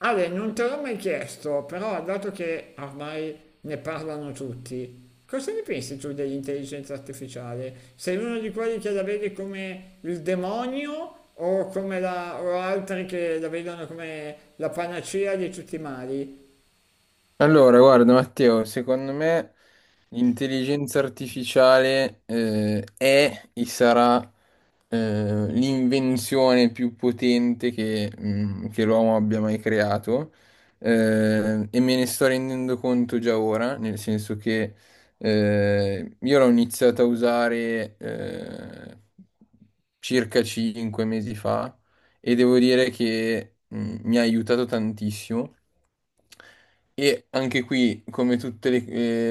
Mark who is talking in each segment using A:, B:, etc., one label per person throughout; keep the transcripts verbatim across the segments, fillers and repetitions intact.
A: Ale, non te l'ho mai chiesto, però dato che ormai ne parlano tutti, cosa ne pensi tu dell'intelligenza artificiale? Sei uno di quelli che la vede come il demonio o come la, o altri che la vedono come la panacea di tutti i mali?
B: Allora, guarda Matteo, secondo me l'intelligenza artificiale eh, è e sarà eh, l'invenzione più potente che, mm, che l'uomo abbia mai creato. Eh, e me ne sto rendendo conto già ora, nel senso che eh, io l'ho iniziata a usare eh, circa cinque mesi fa, e devo dire che mm, mi ha aiutato tantissimo, e anche qui, come tutte le,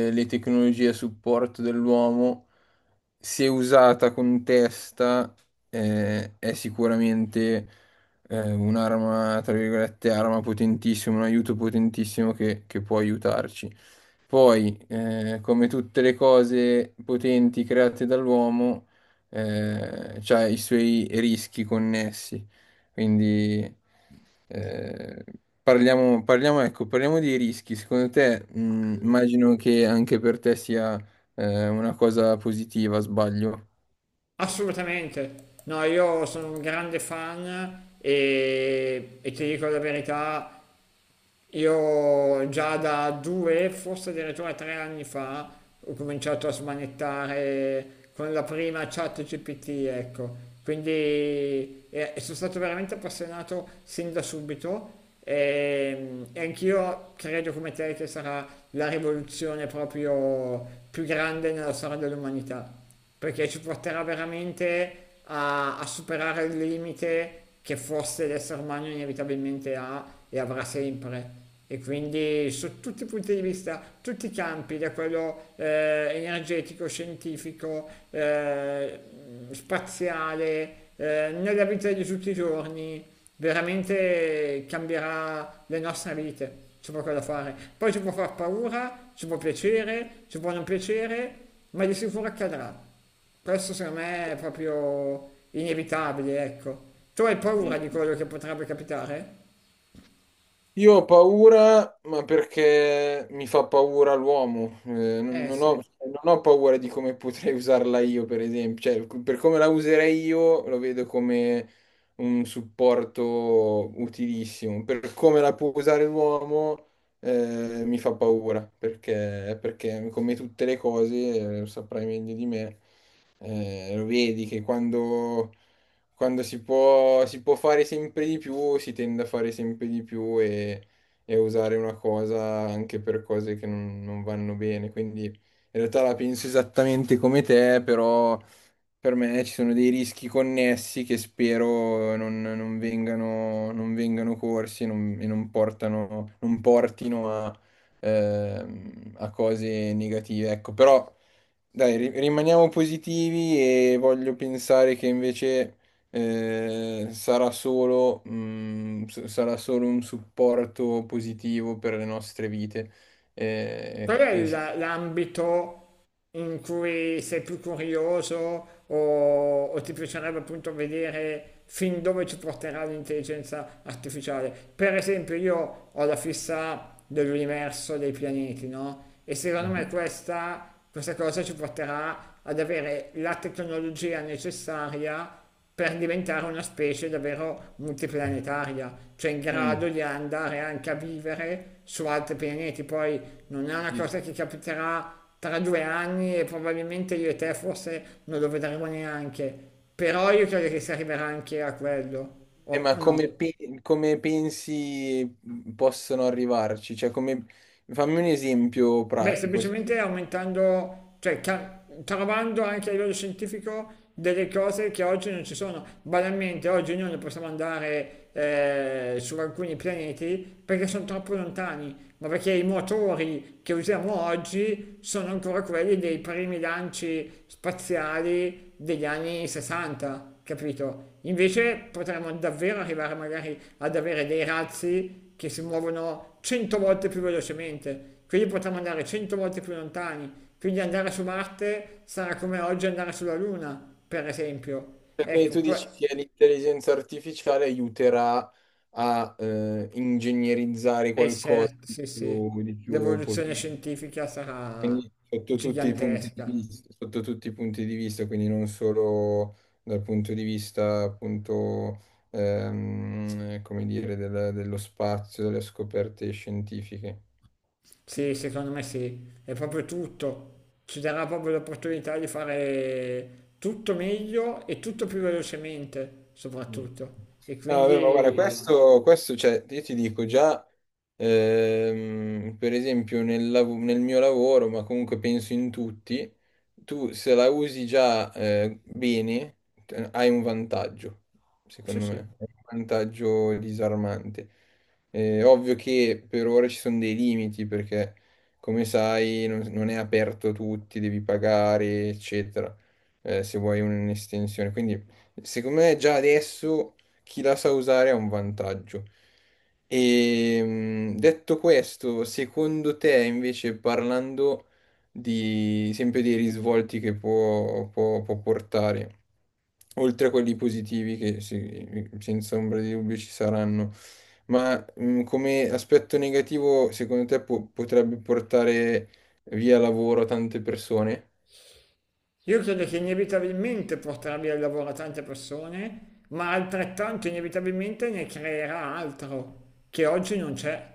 B: eh, le tecnologie a supporto dell'uomo, se usata con testa, eh, è sicuramente eh, un'arma, tra virgolette, arma potentissima, un aiuto potentissimo che, che può aiutarci. Poi, eh, come tutte le cose potenti create dall'uomo, eh, c'ha i suoi rischi connessi. Quindi... Eh, Parliamo, parliamo, ecco, parliamo dei rischi. Secondo te, mh, immagino che anche per te sia eh, una cosa positiva, sbaglio?
A: Assolutamente. No, io sono un grande fan e, e ti dico la verità, io già da due, forse addirittura tre anni fa, ho cominciato a smanettare con la prima chat gi pi ti, ecco. Quindi eh, sono stato veramente appassionato sin da subito e, e anch'io credo come te che sarà la rivoluzione proprio più grande nella storia dell'umanità, perché ci porterà veramente a, a superare il limite che forse l'essere umano inevitabilmente ha e avrà sempre. E quindi su tutti i punti di vista, tutti i campi, da quello eh, energetico, scientifico, eh, spaziale, eh, nella vita di tutti i giorni, veramente cambierà le nostre vite, c'è poco da fare. Poi ci può far paura, ci può piacere, ci può non piacere, ma di sicuro accadrà. Questo secondo me è proprio inevitabile, ecco. Tu hai
B: Sì.
A: paura di quello che potrebbe capitare?
B: Io ho paura, ma perché mi fa paura l'uomo. Eh, non,
A: Eh
B: non
A: sì.
B: ho, cioè, non ho paura di come potrei usarla io, per esempio. Cioè, per come la userei io, lo vedo come un supporto utilissimo. Per come la può usare l'uomo, eh, mi fa paura, perché, perché come tutte le cose, eh, lo saprai meglio di me, eh, lo vedi che quando quando si può, si può fare sempre di più, si tende a fare sempre di più e, e a usare una cosa anche per cose che non, non vanno bene. Quindi in realtà la penso esattamente come te, però per me ci sono dei rischi connessi che spero non, non vengano, non vengano corsi e non, e non portano, non portino a, ehm, a cose negative. Ecco, però dai, ri- rimaniamo positivi e voglio pensare che invece eh, sarà solo, mm, s- sarà solo un supporto positivo per le nostre vite.
A: Qual
B: Eh,
A: è
B: e
A: il-
B: sì.
A: l'ambito in cui sei più curioso o, o ti piacerebbe appunto vedere fin dove ci porterà l'intelligenza artificiale? Per esempio, io ho la fissa dell'universo dei pianeti, no? E secondo me
B: Mhm.
A: questa, questa cosa ci porterà ad avere la tecnologia necessaria per diventare una specie davvero multiplanetaria, cioè in grado di andare anche a vivere su altri pianeti. Poi non è una
B: Mm.
A: cosa che capiterà tra due anni e probabilmente io e te forse non lo vedremo neanche. Però io credo che si arriverà anche a quello,
B: Eh,
A: o,
B: ma
A: o no?
B: come, pe- come pensi mhmm, possono arrivarci? Cioè, come... Fammi un esempio
A: Beh,
B: pratico. Se-
A: semplicemente aumentando, cioè ca- trovando anche a livello scientifico delle cose che oggi non ci sono. Banalmente, oggi noi non possiamo andare eh, su alcuni pianeti perché sono troppo lontani, ma perché i motori che usiamo oggi sono ancora quelli dei primi lanci spaziali degli anni sessanta, capito? Invece potremmo davvero arrivare magari ad avere dei razzi che si muovono cento volte più velocemente, quindi potremmo andare cento volte più lontani, quindi andare su Marte sarà come oggi andare sulla Luna, per esempio.
B: cioè, Quindi
A: Ecco,
B: tu dici che l'intelligenza artificiale aiuterà a eh, ingegnerizzare
A: è
B: qualcosa
A: certo,
B: di
A: sì, sì,
B: più, di più
A: l'evoluzione
B: potente.
A: scientifica sarà
B: Quindi sotto tutti i punti di
A: gigantesca.
B: vista, sotto tutti i punti di vista, quindi non solo dal punto di vista appunto, ehm, come dire, del- dello spazio, delle scoperte scientifiche.
A: Sì, secondo me sì, è proprio tutto. Ci darà proprio l'opportunità di fare tutto meglio e tutto più velocemente,
B: Mm.
A: soprattutto. E
B: No, vabbè, ma guarda,
A: quindi
B: questo, questo, cioè, io ti dico già, ehm, per esempio, nel, lav- nel mio lavoro, ma comunque penso in tutti, tu se la usi già eh, bene, eh, hai un vantaggio,
A: sì,
B: secondo
A: sì.
B: me, è un vantaggio disarmante. Eh, ovvio che per ora ci sono dei limiti, perché come sai non, non è aperto a tutti, devi pagare, eccetera, eh, se vuoi un'estensione. Quindi secondo me già adesso chi la sa usare ha un vantaggio. E mh, detto questo, secondo te invece parlando di sempre dei risvolti che può, può- può portare, oltre a quelli positivi che sì, senza ombra di dubbio ci saranno, ma mh, come aspetto negativo secondo te po- potrebbe portare via lavoro a tante persone?
A: Io credo che inevitabilmente porterà via il lavoro a tante persone, ma altrettanto inevitabilmente ne creerà altro che oggi non c'è.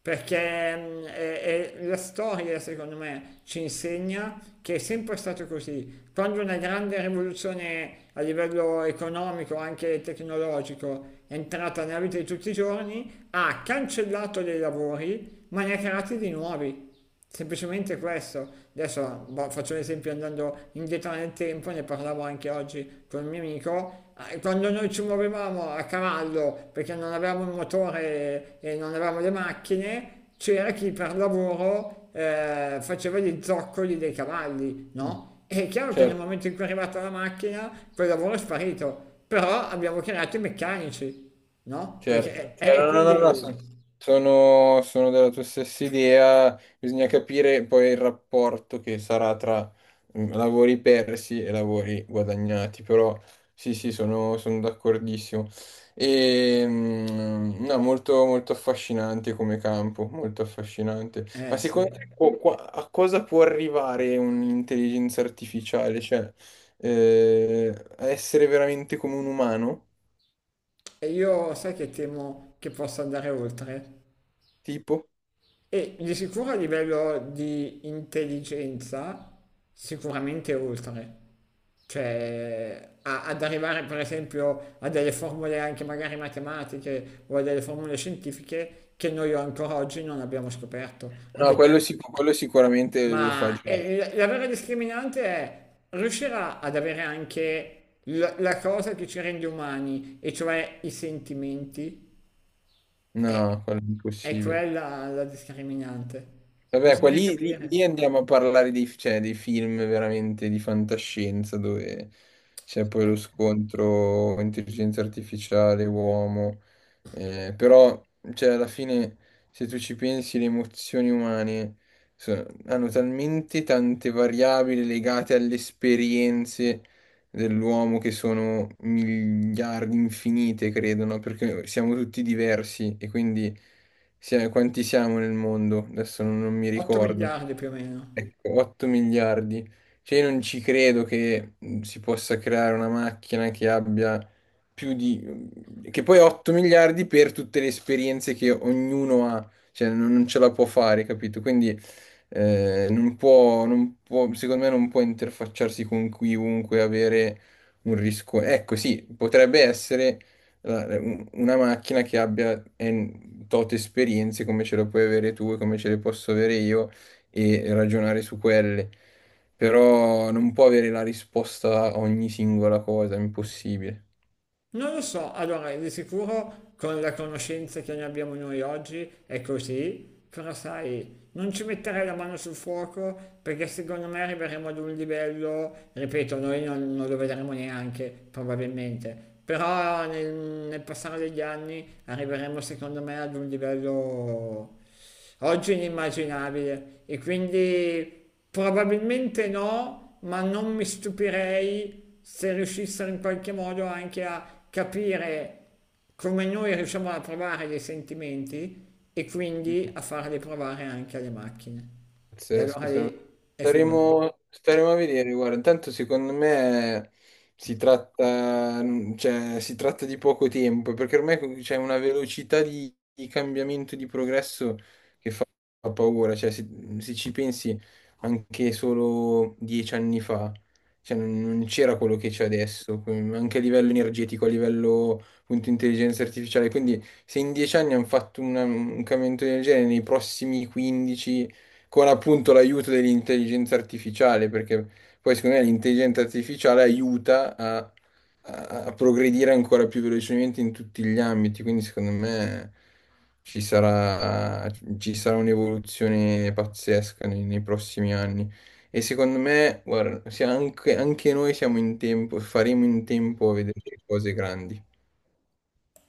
A: Perché mm, è- è- la storia, secondo me, ci insegna che è sempre stato così. Quando una grande rivoluzione a livello economico, anche tecnologico, è entrata nella vita di tutti i giorni, ha cancellato dei lavori, ma ne ha creati di nuovi. Semplicemente questo, adesso boh, faccio l'esempio andando indietro nel tempo, ne parlavo anche oggi con un mio amico, eh, quando noi ci muovevamo a cavallo perché non avevamo il motore e non avevamo le macchine, c'era chi per lavoro eh, faceva gli zoccoli dei cavalli,
B: Mm.
A: no? E è chiaro che
B: Cioè,
A: nel momento in cui è arrivata la macchina, quel lavoro è sparito, però abbiamo creato i meccanici, no?
B: Certo,
A: Perché, eh,
B: Certo, no, no, no, son-
A: quindi...
B: sono, sono della tua stessa idea, bisogna capire poi il rapporto che sarà tra mm, lavori persi e lavori guadagnati, però sì, sì, sono, sono d'accordissimo. E, mm, no, molto, molto affascinante come campo, molto affascinante. Ma
A: Eh sì.
B: secondo te co- qua- a cosa può arrivare un'intelligenza artificiale? Cioè, eh, a essere veramente come un umano?
A: E io sai che temo che possa andare oltre.
B: Tipo?
A: E di sicuro a livello di intelligenza, sicuramente oltre. Cioè, a- ad arrivare per esempio a delle formule anche magari matematiche o a delle formule scientifiche che noi ancora oggi non abbiamo scoperto. A
B: No,
A: degli-
B: quello, sic- quello sicuramente lo fa
A: Ma
B: già.
A: eh, la la vera discriminante è riuscire a- ad avere anche la la cosa che ci rende umani, e cioè i sentimenti. È,
B: No, quello è
A: è
B: impossibile.
A: quella la discriminante.
B: Vabbè, qua
A: Bisogna
B: lì, lì-
A: capire.
B: lì andiamo a parlare dei, cioè, dei film veramente di fantascienza dove c'è poi lo scontro intelligenza artificiale, uomo. Eh, però, cioè, alla fine, se tu ci pensi, le emozioni umane so- hanno talmente tante variabili legate alle esperienze dell'uomo che sono miliardi, infinite, credo, no? Perché siamo tutti diversi e quindi sia- quanti siamo nel mondo? Adesso non, non mi
A: otto
B: ricordo.
A: miliardi più o meno.
B: Ecco, otto miliardi. Cioè, io non ci credo che mh, si possa creare una macchina che abbia più di... che poi otto miliardi per tutte le esperienze che ognuno ha, cioè non, non ce la può fare, capito? Quindi eh, non può, non può- secondo me non può interfacciarsi con chiunque, avere un rischio. Ecco, sì, potrebbe essere la- un- una macchina che abbia en- tot esperienze come ce le puoi avere tu e come ce le posso avere io e ragionare su quelle. Però non può avere la risposta a ogni singola cosa, è impossibile.
A: Non lo so, allora di sicuro con la conoscenza che ne abbiamo noi oggi è così, però sai, non ci metterei la mano sul fuoco perché secondo me arriveremo ad un livello, ripeto, noi non, non lo vedremo neanche probabilmente, però nel, nel passare degli anni arriveremo secondo me ad un livello. Oggi è inimmaginabile e quindi probabilmente no, ma non mi stupirei se riuscissero in qualche modo anche a capire come noi riusciamo a provare dei sentimenti e quindi a farli provare anche alle macchine. E
B: Pazzesco,
A: allora
B: saremo-
A: lì è finita.
B: staremo, staremo a vedere, guarda, intanto secondo me si tratta, cioè, si tratta di poco tempo, perché ormai co- c'è una velocità di, di cambiamento, di progresso. Fa paura, cioè se, se ci pensi anche solo dieci anni fa, cioè, non non c'era quello che c'è adesso, que- anche a livello energetico, a livello appunto intelligenza artificiale, quindi se in dieci anni hanno fatto una- un cambiamento del genere, nei prossimi quindici con appunto l'aiuto dell'intelligenza artificiale, perché poi secondo me l'intelligenza artificiale aiuta a a progredire ancora più velocemente in tutti gli ambiti, quindi secondo me ci sarà, ci sarà un'evoluzione pazzesca nei, nei prossimi anni. E secondo me, guarda, se anche, anche noi siamo in tempo, faremo in tempo a vedere cose grandi.